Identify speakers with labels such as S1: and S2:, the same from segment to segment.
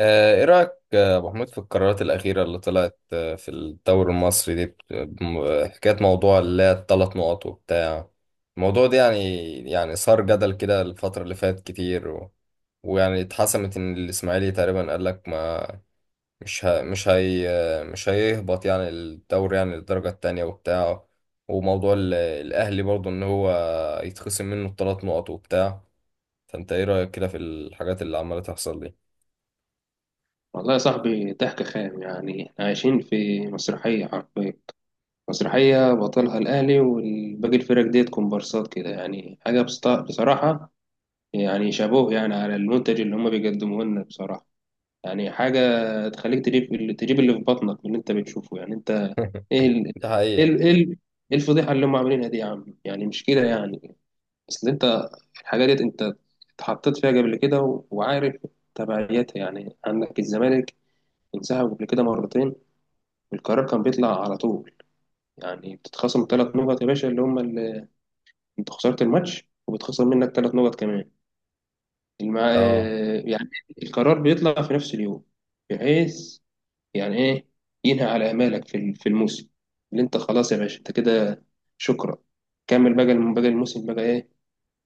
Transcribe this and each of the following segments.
S1: ايه رأيك، ابو حميد، في القرارات الأخيرة اللي طلعت، في الدوري المصري دي، حكاية موضوع اللي هي الثلاث نقط وبتاع الموضوع ده. يعني صار جدل كده الفترة اللي فاتت كتير. ويعني اتحسمت ان الإسماعيلي تقريبا قال لك ما مش هي آه، مش هيهبط، يعني الدوري، يعني للدرجة التانية وبتاع. وموضوع الأهلي برضه ان هو يتخصم منه الثلاث نقط وبتاع. فانت ايه رأيك كده في الحاجات اللي عمالة تحصل دي؟
S2: والله يا صاحبي ضحك خام، يعني احنا عايشين في مسرحية حرفيا. مسرحية بطلها الأهلي والباقي الفرق ديت كومبارسات كده. يعني حاجة بصراحة يعني شابوه يعني على المنتج اللي هما بيقدموه لنا بصراحة. يعني حاجة تخليك تجيب اللي في بطنك من اللي انت بتشوفه، يعني انت. ايه ال...
S1: ده
S2: ايه
S1: حقيقة.
S2: ال... ايه ال- إيه الفضيحة اللي هم عاملينها دي يا عم، يعني مش كده يعني. اصل انت الحاجة ديت، انت اتحطيت فيها قبل كده، وعارف تبعياتها. يعني عندك الزمالك انسحب قبل كده مرتين، القرار كان بيطلع على طول. يعني بتتخصم ثلاث نقط يا باشا، اللي هم اللي انت خسرت الماتش وبتخسر منك ثلاث نقط كمان. المع...
S1: اه،
S2: آه، يعني القرار بيطلع في نفس اليوم، بحيث يعني ايه، ينهي على امالك في في الموسم. اللي انت خلاص يا باشا، انت كده شكرا، كمل بقى باقي الموسم بقى ايه،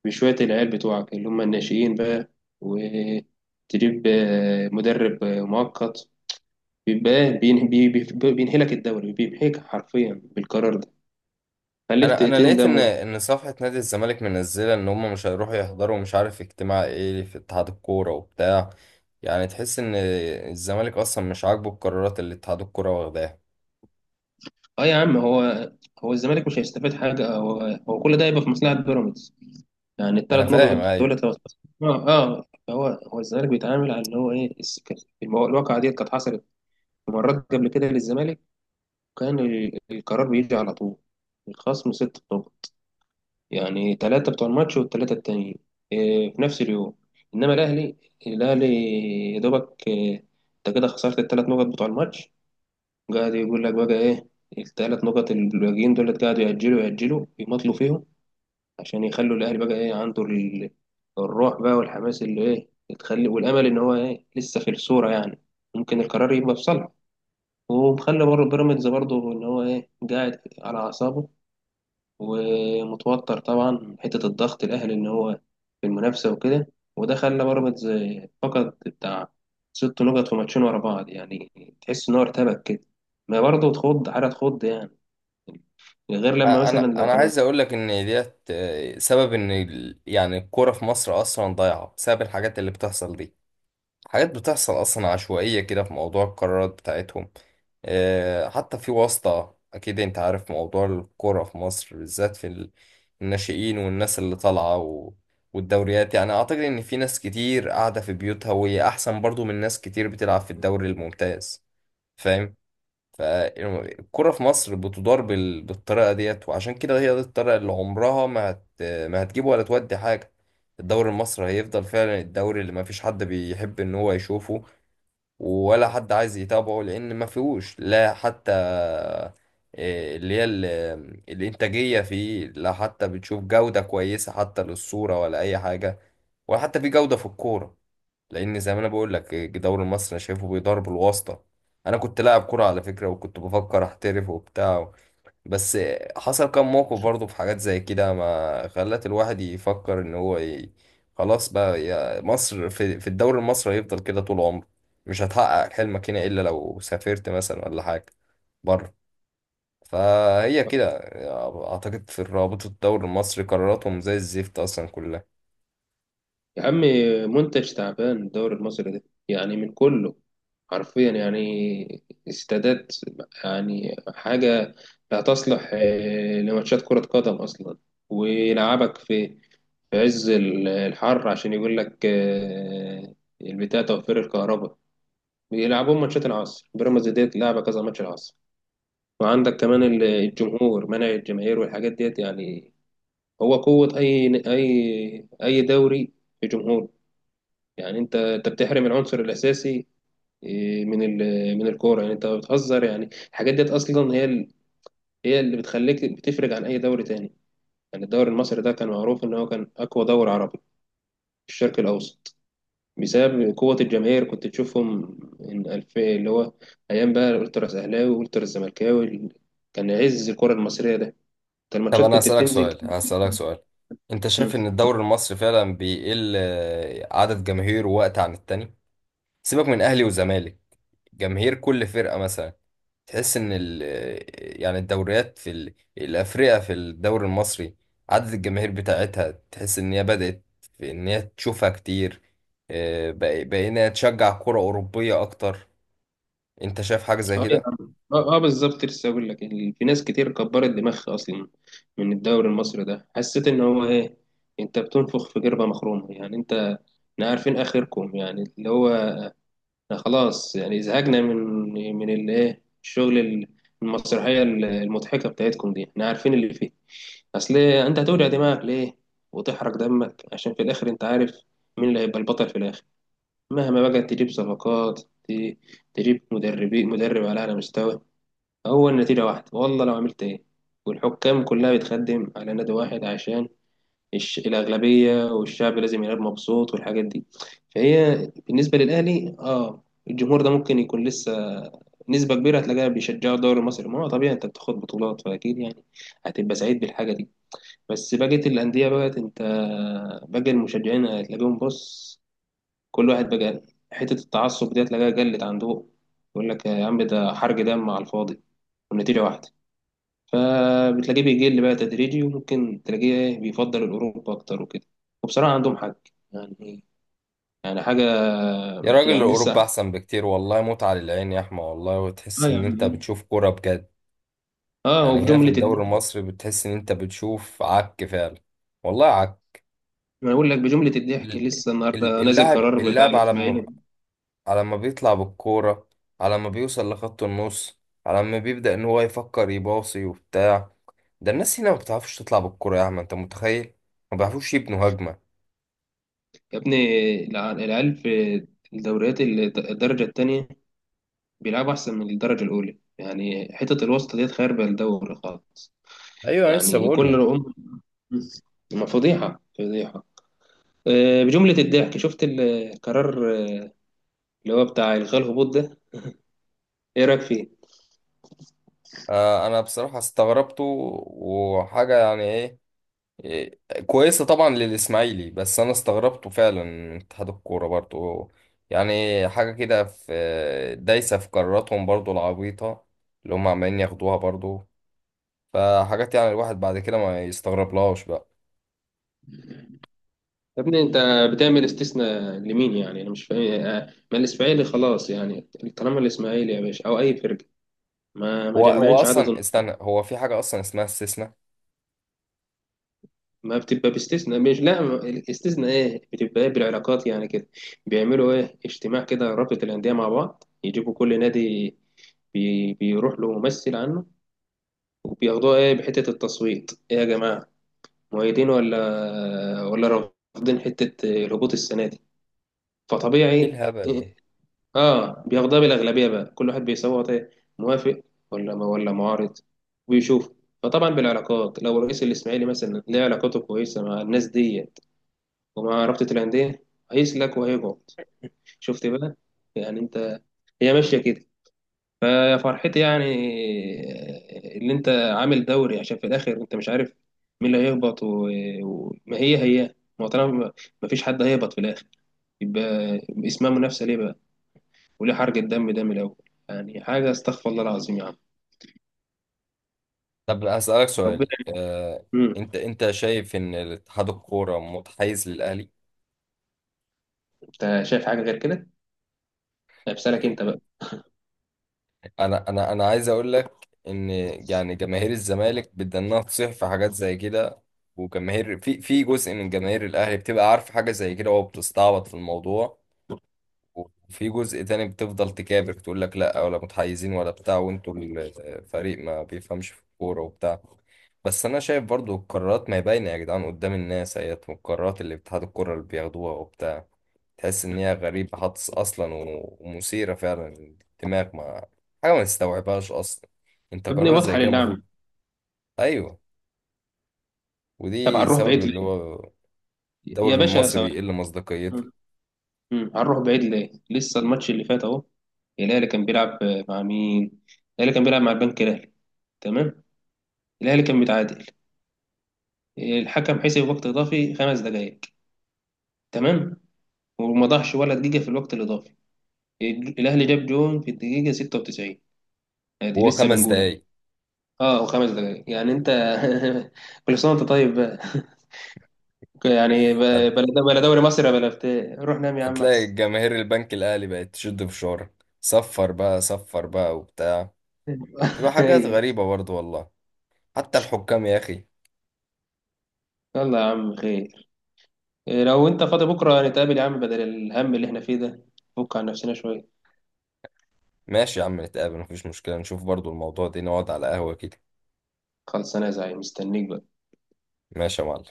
S2: بشوية العيال بتوعك اللي هم الناشئين بقى، وتجيب مدرب مؤقت. بيبقى إيه؟ بينهي بينهي لك الدوري، بينهيك حرفيا بالقرار ده. خليك
S1: انا لقيت
S2: تندم
S1: ان ان صفحه نادي الزمالك منزله ان هم مش هيروحوا يحضروا، مش عارف اجتماع ايه في اتحاد الكوره وبتاع. يعني تحس ان الزمالك اصلا مش عاجبه القرارات اللي اتحاد الكوره واخداها.
S2: اه يا عم. هو الزمالك مش هيستفاد حاجه، هو هو كل ده هيبقى في مصلحه بيراميدز. يعني
S1: ما انا
S2: الثلاث
S1: فاهم،
S2: نقط دول
S1: ايوه.
S2: لو اه اه. هو الزمالك بيتعامل على اللي هو ايه الواقعه ديت كانت حصلت مرات قبل كده للزمالك، كان القرار بيجي على طول، الخصم ست نقط. يعني ثلاثه بتوع الماتش والثلاثه التانيين إيه في نفس اليوم. انما الاهلي، الاهلي يا دوبك إيه، انت كده خسرت الثلاث نقط بتوع الماتش. قاعد يقول لك بقى ايه، الثلاث نقط اللي الباقيين دولت قاعدوا يأجلوا يأجلوا يمطلوا فيهم عشان يخلوا الاهلي بقى ايه عنده الروح بقى والحماس، اللي ايه تخلي، والامل ان هو ايه لسه في الصورة، يعني ممكن القرار يبقى في صالحه. ومخلي بيراميدز برضه ان هو ايه قاعد على اعصابه، ومتوتر طبعا من حتة الضغط الأهلي إن هو في المنافسة وكده. وده خلى بيراميدز فقد بتاع ست نقط في ماتشين ورا بعض، يعني تحس إن هو ارتبك كده. ما برضه تخض، حاجة تخض يعني، غير لما مثلا
S1: انا
S2: لو
S1: انا
S2: كان.
S1: عايز اقول لك ان ديت سبب ان يعني الكوره في مصر اصلا ضايعه بسبب الحاجات اللي بتحصل دي. حاجات بتحصل أصلا عشوائية كده في موضوع القرارات بتاعتهم. حتى في واسطة، أكيد أنت عارف موضوع الكورة في مصر، بالذات في الناشئين والناس اللي طالعة. والدوريات يعني أعتقد إن في ناس كتير قاعدة في بيوتها وهي أحسن برضو من ناس كتير بتلعب في الدوري الممتاز. فاهم؟ فالكرة في مصر بتدار بالطريقة ديت، وعشان كده هي دي الطريقة اللي عمرها. ما هتجيب ولا تودي حاجة. الدوري المصري هيفضل فعلا الدوري اللي ما فيش حد بيحب ان هو يشوفه، ولا حد عايز يتابعه، لان ما فيهوش لا حتى إيه اللي هي الانتاجية فيه، لا حتى بتشوف جودة كويسة حتى للصورة ولا اي حاجة، ولا حتى في جودة في الكورة. لان زي ما انا بقول لك، الدوري المصري انا شايفه بيدار بالواسطه. انا كنت لاعب كوره على فكره، وكنت بفكر احترف وبتاع. بس حصل كام موقف برضه في حاجات زي كده ما خلت الواحد يفكر ان هو. خلاص بقى يا مصر. في الدوري المصري هيفضل كده طول عمره. مش هتحقق حلمك هنا الا لو سافرت مثلا ولا حاجه بره. فهي كده. اعتقد في رابطه الدوري المصري قراراتهم زي الزفت اصلا كلها.
S2: يا عم، منتج تعبان الدوري المصري ده يعني من كله حرفيا. يعني استادات، يعني حاجة لا تصلح لماتشات كرة قدم أصلا. ويلعبك في في عز الحر عشان يقول لك البتاع توفير الكهرباء. بيلعبون ماتشات العصر، بيراميدز ديت لعبة كذا ماتش العصر. وعندك كمان الجمهور، منع الجماهير والحاجات ديت. يعني هو قوة أي أي أي دوري في جمهور. يعني أنت بتحرم العنصر الأساسي من من الكورة. يعني أنت بتهزر، يعني الحاجات ديت أصلا هي هي اللي بتخليك بتفرق عن أي دوري تاني. يعني الدوري المصري ده كان معروف إن هو كان أقوى دوري عربي في الشرق الأوسط بسبب قوة الجماهير. كنت تشوفهم إن ألف اللي هو أيام بقى الألتراس أهلاوي والألتراس زملكاوي، كان عز الكرة المصرية ده. أنت
S1: طب
S2: الماتشات
S1: انا
S2: كنت
S1: هسألك
S2: بتنزل.
S1: سؤال هسألك سؤال انت
S2: مم.
S1: شايف ان الدوري المصري فعلا بيقل، عدد جماهيره وقت عن التاني؟ سيبك من اهلي وزمالك. جماهير كل فرقة مثلا، تحس ان ال آه، يعني الدوريات في الافريقيا، في الدوري المصري عدد الجماهير بتاعتها تحس ان هي بدأت في ان هي تشوفها كتير. بقينا تشجع كرة أوروبية اكتر. انت شايف حاجة زي
S2: اه يا
S1: كده؟
S2: عم اه، آه بالظبط. لسه اقول لك في ناس كتير كبرت دماغها اصلا من الدوري المصري ده. حسيت ان هو ايه، انت بتنفخ في جربة مخرومة، يعني انت احنا عارفين اخركم، يعني اللي هو خلاص يعني زهقنا من من الايه الشغل المسرحيه المضحكه بتاعتكم دي، احنا عارفين اللي فيه. اصل إيه، انت هتوجع دماغك ليه وتحرق دمك عشان في الاخر انت عارف مين اللي هيبقى البطل في الاخر. مهما بقى تجيب صفقات، ت- تجيب مدربين، مدرب على اعلى مستوى، هو النتيجه واحده، والله لو عملت ايه. والحكام كلها بتخدم على نادي واحد عشان الأغلبية والشعب لازم يلعب مبسوط، والحاجات دي. فهي بالنسبة للأهلي اه، الجمهور ده ممكن يكون لسه نسبة كبيرة هتلاقيها بيشجعوا الدوري المصري. ما هو طبيعي، انت بتاخد بطولات فأكيد يعني هتبقى سعيد بالحاجة دي. بس بقية الأندية بقت انت، باقي المشجعين هتلاقيهم بص، كل واحد بقى حتة التعصب دي هتلاقيها قلت عنده. يقول لك يا عم ده حرق دم على الفاضي والنتيجة واحدة. فبتلاقيه بيقل بقى تدريجي، وممكن تلاقيه إيه بيفضل الأوروبا أكتر وكده. وبصراحة عندهم حق. يعني، يعني حاجة.
S1: يا راجل،
S2: يعني لسه
S1: اوروبا
S2: اه،
S1: احسن بكتير والله، متعة للعين يا احمد والله، وتحس ان
S2: يعني
S1: انت
S2: ايه،
S1: بتشوف كرة بجد.
S2: اه
S1: يعني هنا في
S2: وبجملة
S1: الدوري
S2: الضحك.
S1: المصري بتحس ان انت بتشوف عك فعلا، والله عك.
S2: ما اقول لك بجملة الضحك،
S1: ال-
S2: لسه النهارده نازل
S1: اللاعب
S2: قرار بتاع
S1: اللاعب على ما
S2: الاسماعيلي.
S1: على ما بيطلع بالكورة، على ما بيوصل لخط النص، على ما بيبدأ ان هو يفكر يباصي وبتاع. ده الناس هنا ما بتعرفش تطلع بالكورة، يا عم انت متخيل؟ ما بيعرفوش يبنوا هجمة.
S2: يا ابني العيال في الدوريات الدرجة التانية بيلعبوا أحسن من الدرجة الأولى. يعني حتة الوسط ديت خاربة الدوري خالص.
S1: ايوه، أنا لسه
S2: يعني
S1: بقول
S2: كل
S1: لك.
S2: رقم، ما فضيحة فضيحة. بجملة الضحك. شفت القرار اللي هو بتاع إلغاء الهبوط ده؟ إيه رأيك فيه؟
S1: انا بصراحة استغربته. وحاجة يعني ايه، إيه، كويسة طبعا للإسماعيلي، بس أنا استغربته فعلا من اتحاد الكورة برضو. يعني حاجة كده، في دايسة في قراراتهم برضو العبيطة اللي هم عمالين ياخدوها برضو. فحاجات يعني الواحد بعد كده ما يستغربلهاش بقى.
S2: يا ابني أنت بتعمل استثناء لمين؟ يعني أنا مش فاهم ما الإسماعيلي خلاص يعني. طالما الإسماعيلي يا باشا أو أي فرقة ما
S1: هو أصلا، استنى، هو في حاجة أصلا اسمها استثناء؟
S2: ما بتبقى باستثناء. مش لا ما- الاستثناء إيه؟ بتبقى إيه بالعلاقات يعني كده. بيعملوا إيه اجتماع كده، رابطة الأندية مع بعض، يجيبوا كل نادي بيروح له ممثل عنه وبياخدوها ايه بحتة التصويت. ايه يا جماعة، مؤيدين ولا ولا رافضين حتة الهبوط السنة دي؟
S1: إيه
S2: فطبيعي
S1: الهبل ده؟
S2: اه، بياخدها بالاغلبيه بقى. كل واحد بيصوت ايه، موافق ولا ما ولا معارض، ويشوف. فطبعا بالعلاقات لو رئيس الاسماعيلي مثلا ليه علاقاته كويسه مع الناس ديت ومع رابطه الانديه، هيسلك وهيقعد. شفت بقى، يعني انت هي ماشيه كده. فيا فرحتي يعني اللي انت عامل دوري، عشان في الاخر انت مش عارف مين اللي هيهبط وما هي ما هو طالما ما فيش حد هيهبط في الاخر، يبقى اسمها منافسه ليه بقى؟ وليه حرق الدم ده من الأول؟ يعني حاجة، استغفر الله العظيم يا عم.
S1: طب أسألك
S2: ربنا.
S1: سؤال.
S2: مم.
S1: أنت شايف إن اتحاد الكورة متحيز للأهلي؟
S2: أنت شايف حاجة غير كده؟ أمثالك أنت بقى.
S1: انا عايز اقول لك ان يعني جماهير الزمالك بدنا تصيح في حاجات زي كده، وجماهير، في جزء من جماهير الاهلي بتبقى عارف حاجه زي كده وبتستعبط في الموضوع. وفي جزء تاني بتفضل تكابر تقول لك لا، ولا متحيزين ولا بتاع، وانتوا الفريق ما بيفهمش في الكوره وبتاع. بس انا شايف برضو القرارات ما هي باينه يا جدعان قدام الناس اهيت، والقرارات اللي اتحاد الكوره اللي بياخدوها وبتاع تحس ان هي غريبة حدس اصلا، ومثيرة فعلا للدماغ، ما حاجة ما تستوعبهاش اصلا. انت
S2: يا ابني
S1: قرار
S2: واضحة
S1: زي كده
S2: للعمى.
S1: المفروض. ايوه.
S2: طب
S1: ودي
S2: هنروح
S1: سبب
S2: بعيد
S1: اللي
S2: ليه؟
S1: هو
S2: يا
S1: الدوري
S2: باشا
S1: المصري
S2: ثواني.
S1: بيقل مصداقيته.
S2: مم. مم. هنروح بعيد ليه؟ لسه الماتش اللي فات أهو، الأهلي كان بيلعب مع مين؟ الأهلي كان بيلعب مع البنك الأهلي، تمام؟ الأهلي كان متعادل، الحكم حسب وقت إضافي خمس دقايق، تمام؟ وما ضاعش ولا دقيقة في الوقت الإضافي، الأهلي جاب جون في الدقيقة 96. ادي
S1: وهو
S2: لسه
S1: خمس
S2: بنقولها،
S1: دقايق
S2: اه وخمس دقايق يعني انت كل سنه وانت طيب بقى. يعني
S1: هت-
S2: بلا بلا دوري مصر بلا بتاع، روح نام يا عم
S1: هتلاقي
S2: احسن.
S1: جماهير البنك الاهلي بقت تشد في شعرك. صفر بقى، صفر بقى وبتاع. بتبقى حاجات
S2: هي.
S1: غريبة برضه والله. حتى الحكام يا اخي.
S2: يلا يا عم خير، إيه، لو انت فاضي بكره نتقابل يا عم بدل الهم اللي احنا فيه ده، فك عن نفسنا شويه.
S1: ماشي يا عم، نتقابل مفيش مشكلة، نشوف برضه الموضوع ده، نقعد على قهوة كده.
S2: خلص انا زعيم، مستنيك بقى.
S1: ماشي يا معلم.